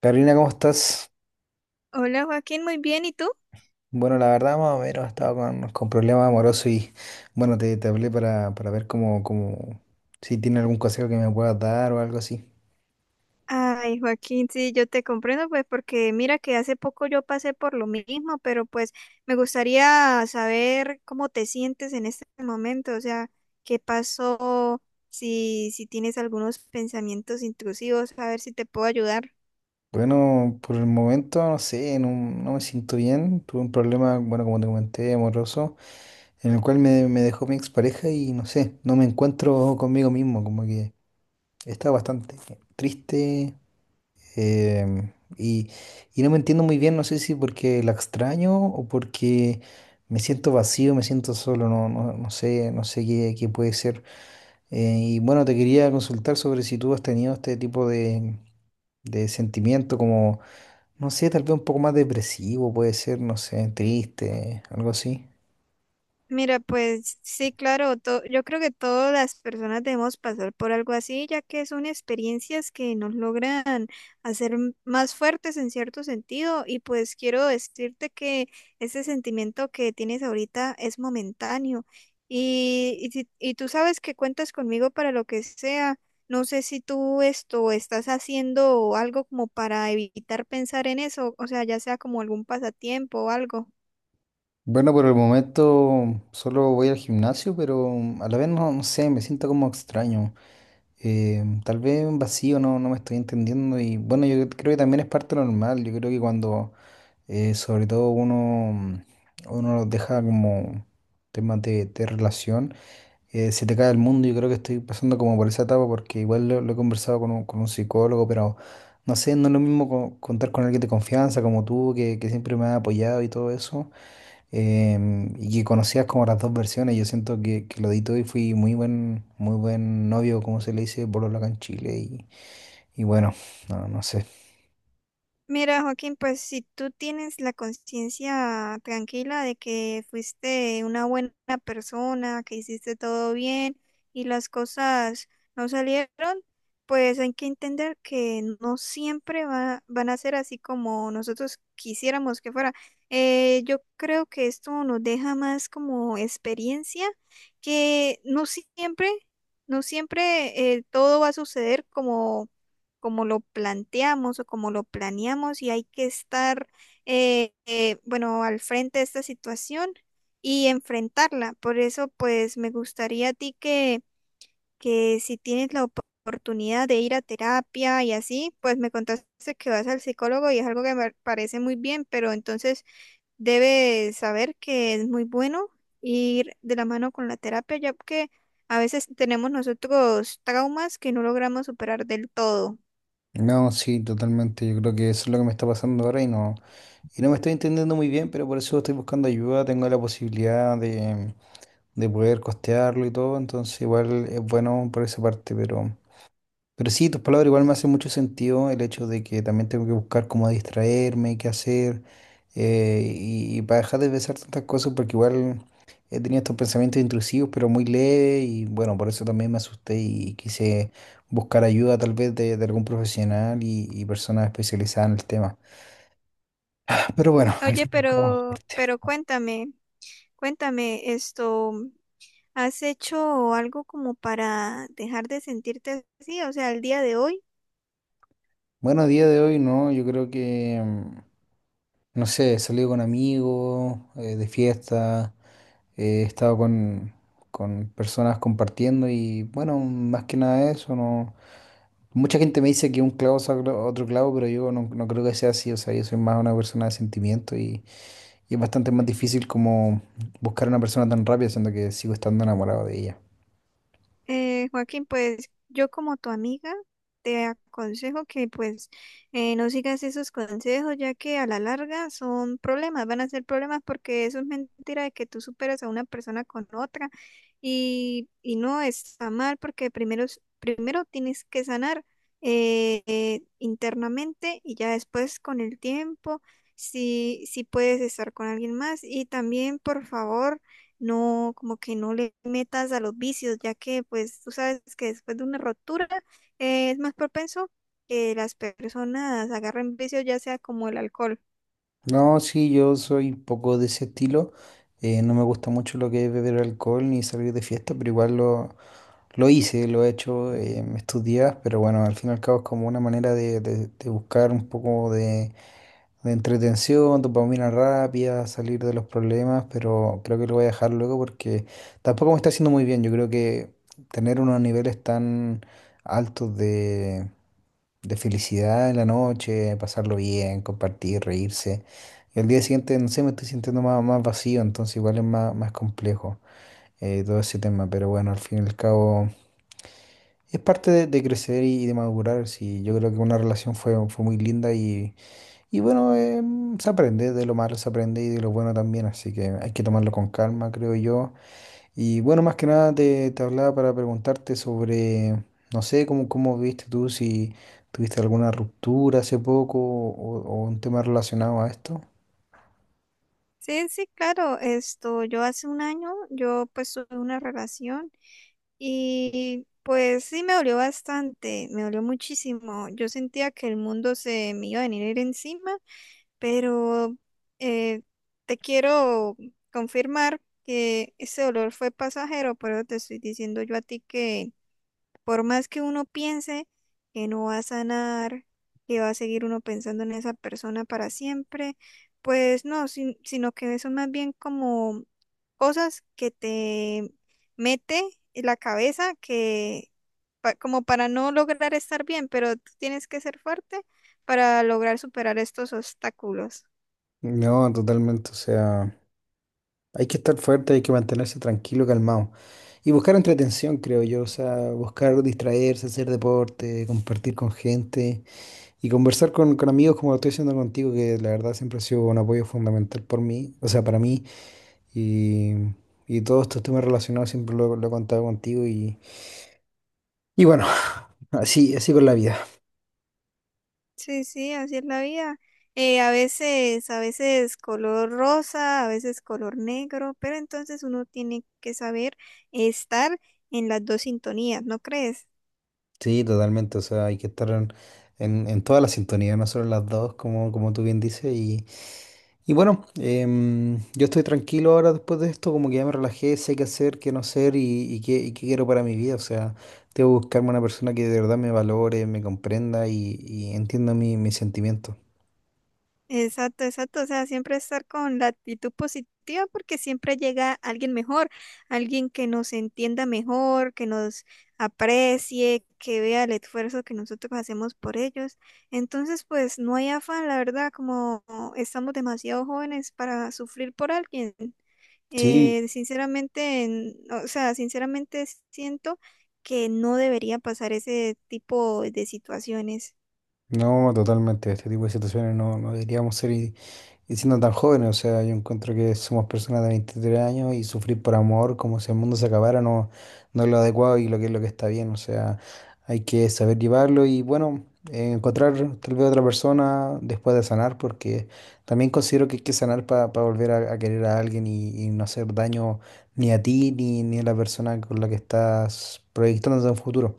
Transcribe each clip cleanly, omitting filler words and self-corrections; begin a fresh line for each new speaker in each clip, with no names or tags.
Carolina, ¿cómo estás?
Hola Joaquín, muy bien, ¿y tú?
Bueno, la verdad, más o menos, estaba con problemas amorosos y bueno, te hablé para ver cómo, cómo, si tiene algún consejo que me puedas dar o algo así.
Ay, Joaquín, sí, yo te comprendo, pues porque mira que hace poco yo pasé por lo mismo, pero pues me gustaría saber cómo te sientes en este momento, o sea, qué pasó, si tienes algunos pensamientos intrusivos, a ver si te puedo ayudar.
Bueno, por el momento, no sé, no me siento bien. Tuve un problema, bueno, como te comenté, amoroso, en el cual me dejó mi expareja y no sé, no me encuentro conmigo mismo, como que estaba bastante triste. Em, y, y no me entiendo muy bien, no sé si porque la extraño o porque me siento vacío, me siento solo, no sé, no sé qué, qué puede ser. Y bueno, te quería consultar sobre si tú has tenido este tipo de sentimiento como, no sé, tal vez un poco más depresivo, puede ser, no sé, triste, algo así.
Mira, pues sí, claro, yo creo que todas las personas debemos pasar por algo así, ya que son experiencias que nos logran hacer más fuertes en cierto sentido. Y pues quiero decirte que ese sentimiento que tienes ahorita es momentáneo. Y, si- Y tú sabes que cuentas conmigo para lo que sea. No sé si tú esto estás haciendo algo como para evitar pensar en eso, o sea, ya sea como algún pasatiempo o algo.
Bueno, por el momento solo voy al gimnasio, pero a la vez no, no sé, me siento como extraño. Tal vez un vacío, no me estoy entendiendo y bueno, yo creo que también es parte normal, yo creo que cuando sobre todo uno deja como temas de relación. Se te cae el mundo, yo creo que estoy pasando como por esa etapa porque igual lo he conversado con con un psicólogo, pero no sé, no es lo mismo contar con alguien de confianza como tú, que siempre me ha apoyado y todo eso, y que conocías como las dos versiones. Yo siento que lo di todo y fui muy buen novio, como se le dice, polola acá en Chile. Y bueno, no, no sé.
Mira, Joaquín, pues si tú tienes la conciencia tranquila de que fuiste una buena persona, que hiciste todo bien y las cosas no salieron, pues hay que entender que no siempre van a ser así como nosotros quisiéramos que fuera. Yo creo que esto nos deja más como experiencia que no siempre, no siempre todo va a suceder como como lo planteamos o como lo planeamos, y hay que estar, bueno, al frente de esta situación y enfrentarla. Por eso, pues, me gustaría a ti que si tienes la oportunidad de ir a terapia y así, pues me contaste que vas al psicólogo y es algo que me parece muy bien, pero entonces debes saber que es muy bueno ir de la mano con la terapia, ya que a veces tenemos nosotros traumas que no logramos superar del todo.
No, sí, totalmente. Yo creo que eso es lo que me está pasando ahora y y no me estoy entendiendo muy bien, pero por eso estoy buscando ayuda. Tengo la posibilidad de poder costearlo y todo, entonces igual es bueno por esa parte, pero. Pero sí, tus palabras igual me hacen mucho sentido el hecho de que también tengo que buscar cómo distraerme, qué hacer, y para dejar de pensar tantas cosas, porque igual he tenido estos pensamientos intrusivos, pero muy leves, y bueno, por eso también me asusté y quise buscar ayuda tal vez de algún profesional y personas especializadas en el tema. Pero bueno, al
Oye,
fin y al cabo, suerte.
pero cuéntame, cuéntame esto, ¿has hecho algo como para dejar de sentirte así? O sea, el día de hoy.
Bueno, a día de hoy no, yo creo que, no sé, he salido con amigos, de fiesta. He estado con personas compartiendo y bueno, más que nada eso, no. Mucha gente me dice que un clavo saca otro clavo, pero yo no creo que sea así. O sea, yo soy más una persona de sentimiento y es bastante más difícil como buscar a una persona tan rápida, siendo que sigo estando enamorado de ella.
Joaquín, pues yo como tu amiga te aconsejo que pues no sigas esos consejos, ya que a la larga son problemas, van a ser problemas, porque eso es mentira de que tú superas a una persona con otra, y no está mal porque primero, primero tienes que sanar internamente, y ya después con el tiempo si puedes estar con alguien más. Y también por favor no, como que no le metas a los vicios, ya que pues tú sabes que después de una rotura es más propenso que las personas agarren vicios, ya sea como el alcohol.
No, sí, yo soy un poco de ese estilo. No me gusta mucho lo que es beber alcohol ni salir de fiesta, pero igual lo hice, lo he hecho, estos días, pero bueno, al fin y al cabo es como una manera de de buscar un poco de entretención, dopamina rápida, salir de los problemas, pero creo que lo voy a dejar luego porque tampoco me está haciendo muy bien. Yo creo que tener unos niveles tan altos de felicidad en la noche, pasarlo bien, compartir, reírse. Y al día siguiente, no sé, me estoy sintiendo más, más vacío, entonces igual es más, más complejo. Todo ese tema, pero bueno, al fin y al cabo es parte de crecer y, de madurar. Sí, yo creo que una relación fue, fue muy linda y bueno, se aprende, de lo malo se aprende y de lo bueno también, así que hay que tomarlo con calma, creo yo. Y bueno, más que nada te hablaba para preguntarte sobre, no sé, cómo, cómo viste tú, si tuviste alguna ruptura hace poco o un tema relacionado a esto.
Sí, sí, claro, esto, yo hace un año, yo pues tuve una relación. Y pues sí me dolió bastante, me dolió muchísimo. Yo sentía que el mundo se me iba a venir encima, pero eh, te quiero confirmar que ese dolor fue pasajero, pero te estoy diciendo yo a ti que por más que uno piense que no va a sanar, que va a seguir uno pensando en esa persona para siempre, pues no, sino que son más bien como cosas que te mete en la cabeza que como para no lograr estar bien, pero tú tienes que ser fuerte para lograr superar estos obstáculos.
No, totalmente, o sea, hay que estar fuerte, hay que mantenerse tranquilo, calmado. Y buscar entretención, creo yo, o sea, buscar distraerse, hacer deporte, compartir con gente. Y conversar con amigos como lo estoy haciendo contigo, que la verdad siempre ha sido un apoyo fundamental por mí, o sea, para mí. Y, y todos estos temas relacionados siempre lo he contado contigo. Y bueno, así, así con la vida.
Sí, sí, así es la vida. A veces, a veces color rosa, a veces color negro, pero entonces uno tiene que saber estar en las dos sintonías, ¿no crees?
Sí, totalmente. O sea, hay que estar en toda la sintonía, no solo en las dos, como, como tú bien dices. Y, y bueno, yo estoy tranquilo ahora después de esto, como que ya me relajé, sé qué hacer, qué no hacer y qué quiero para mi vida. O sea, tengo que buscarme una persona que de verdad me valore, me comprenda y entienda mis sentimientos.
Exacto, exacto. O sea, siempre estar con la actitud positiva, porque siempre llega alguien mejor, alguien que nos entienda mejor, que nos aprecie, que vea el esfuerzo que nosotros hacemos por ellos. Entonces, pues no hay afán, la verdad, como estamos demasiado jóvenes para sufrir por alguien.
Sí,
Sinceramente, o sea, sinceramente siento que no debería pasar ese tipo de situaciones.
no, totalmente. Este tipo de situaciones no, no deberíamos ser. Y siendo tan jóvenes, o sea, yo encuentro que somos personas de 23 años y sufrir por amor como si el mundo se acabara no, no es lo adecuado y lo que es lo que está bien, o sea, hay que saber llevarlo y bueno, encontrar tal vez otra persona después de sanar, porque también considero que hay que sanar para volver a querer a alguien y no hacer daño ni a ti ni, ni a la persona con la que estás proyectándote en un futuro.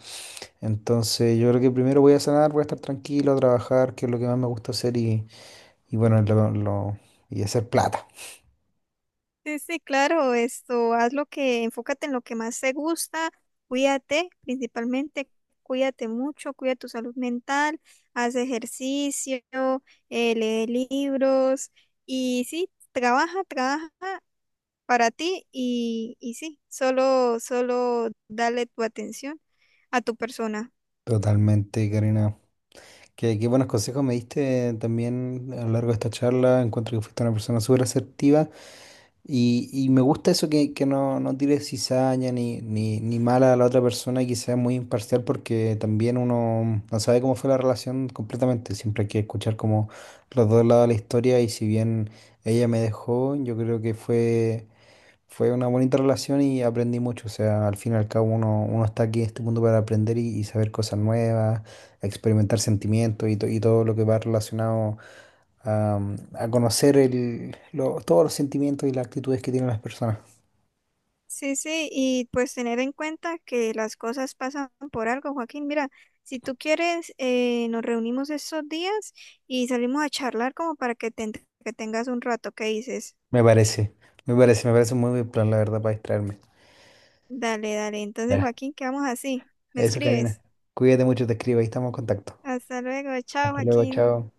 Entonces, yo creo que primero voy a sanar, voy a estar tranquilo, a trabajar, que es lo que más me gusta hacer y bueno, y hacer plata.
Sí, sí, claro, esto, haz lo que, enfócate en lo que más te gusta, cuídate, principalmente, cuídate mucho, cuida tu salud mental, haz ejercicio, lee libros, y sí, trabaja, trabaja para ti. Y, y sí, solo, solo dale tu atención a tu persona.
Totalmente, Karina. Qué, qué buenos consejos me diste también a lo largo de esta charla. Encuentro que fuiste una persona súper asertiva y me gusta eso que no, no tires cizaña ni, ni, ni mala a la otra persona y que sea muy imparcial porque también uno no sabe cómo fue la relación completamente. Siempre hay que escuchar como los dos lados de la historia y si bien ella me dejó, yo creo que fue... Fue una bonita relación y aprendí mucho. O sea, al fin y al cabo uno está aquí en este mundo para aprender y saber cosas nuevas, experimentar sentimientos y, y todo lo que va relacionado a, a conocer el, todos los sentimientos y las actitudes que tienen las personas.
Sí, sí, y pues tener en cuenta que las cosas pasan por algo, Joaquín. Mira, si tú quieres, nos reunimos estos días y salimos a charlar como para que que tengas un rato. ¿Qué dices?
Me parece, me parece, me parece un muy buen plan, la verdad, para distraerme.
Dale, dale. Entonces,
Ya,
Joaquín, quedamos así. Me
eso, Karina.
escribes.
Cuídate mucho, te escribo, ahí estamos en contacto.
Hasta luego. Chao,
Hasta luego,
Joaquín.
chao.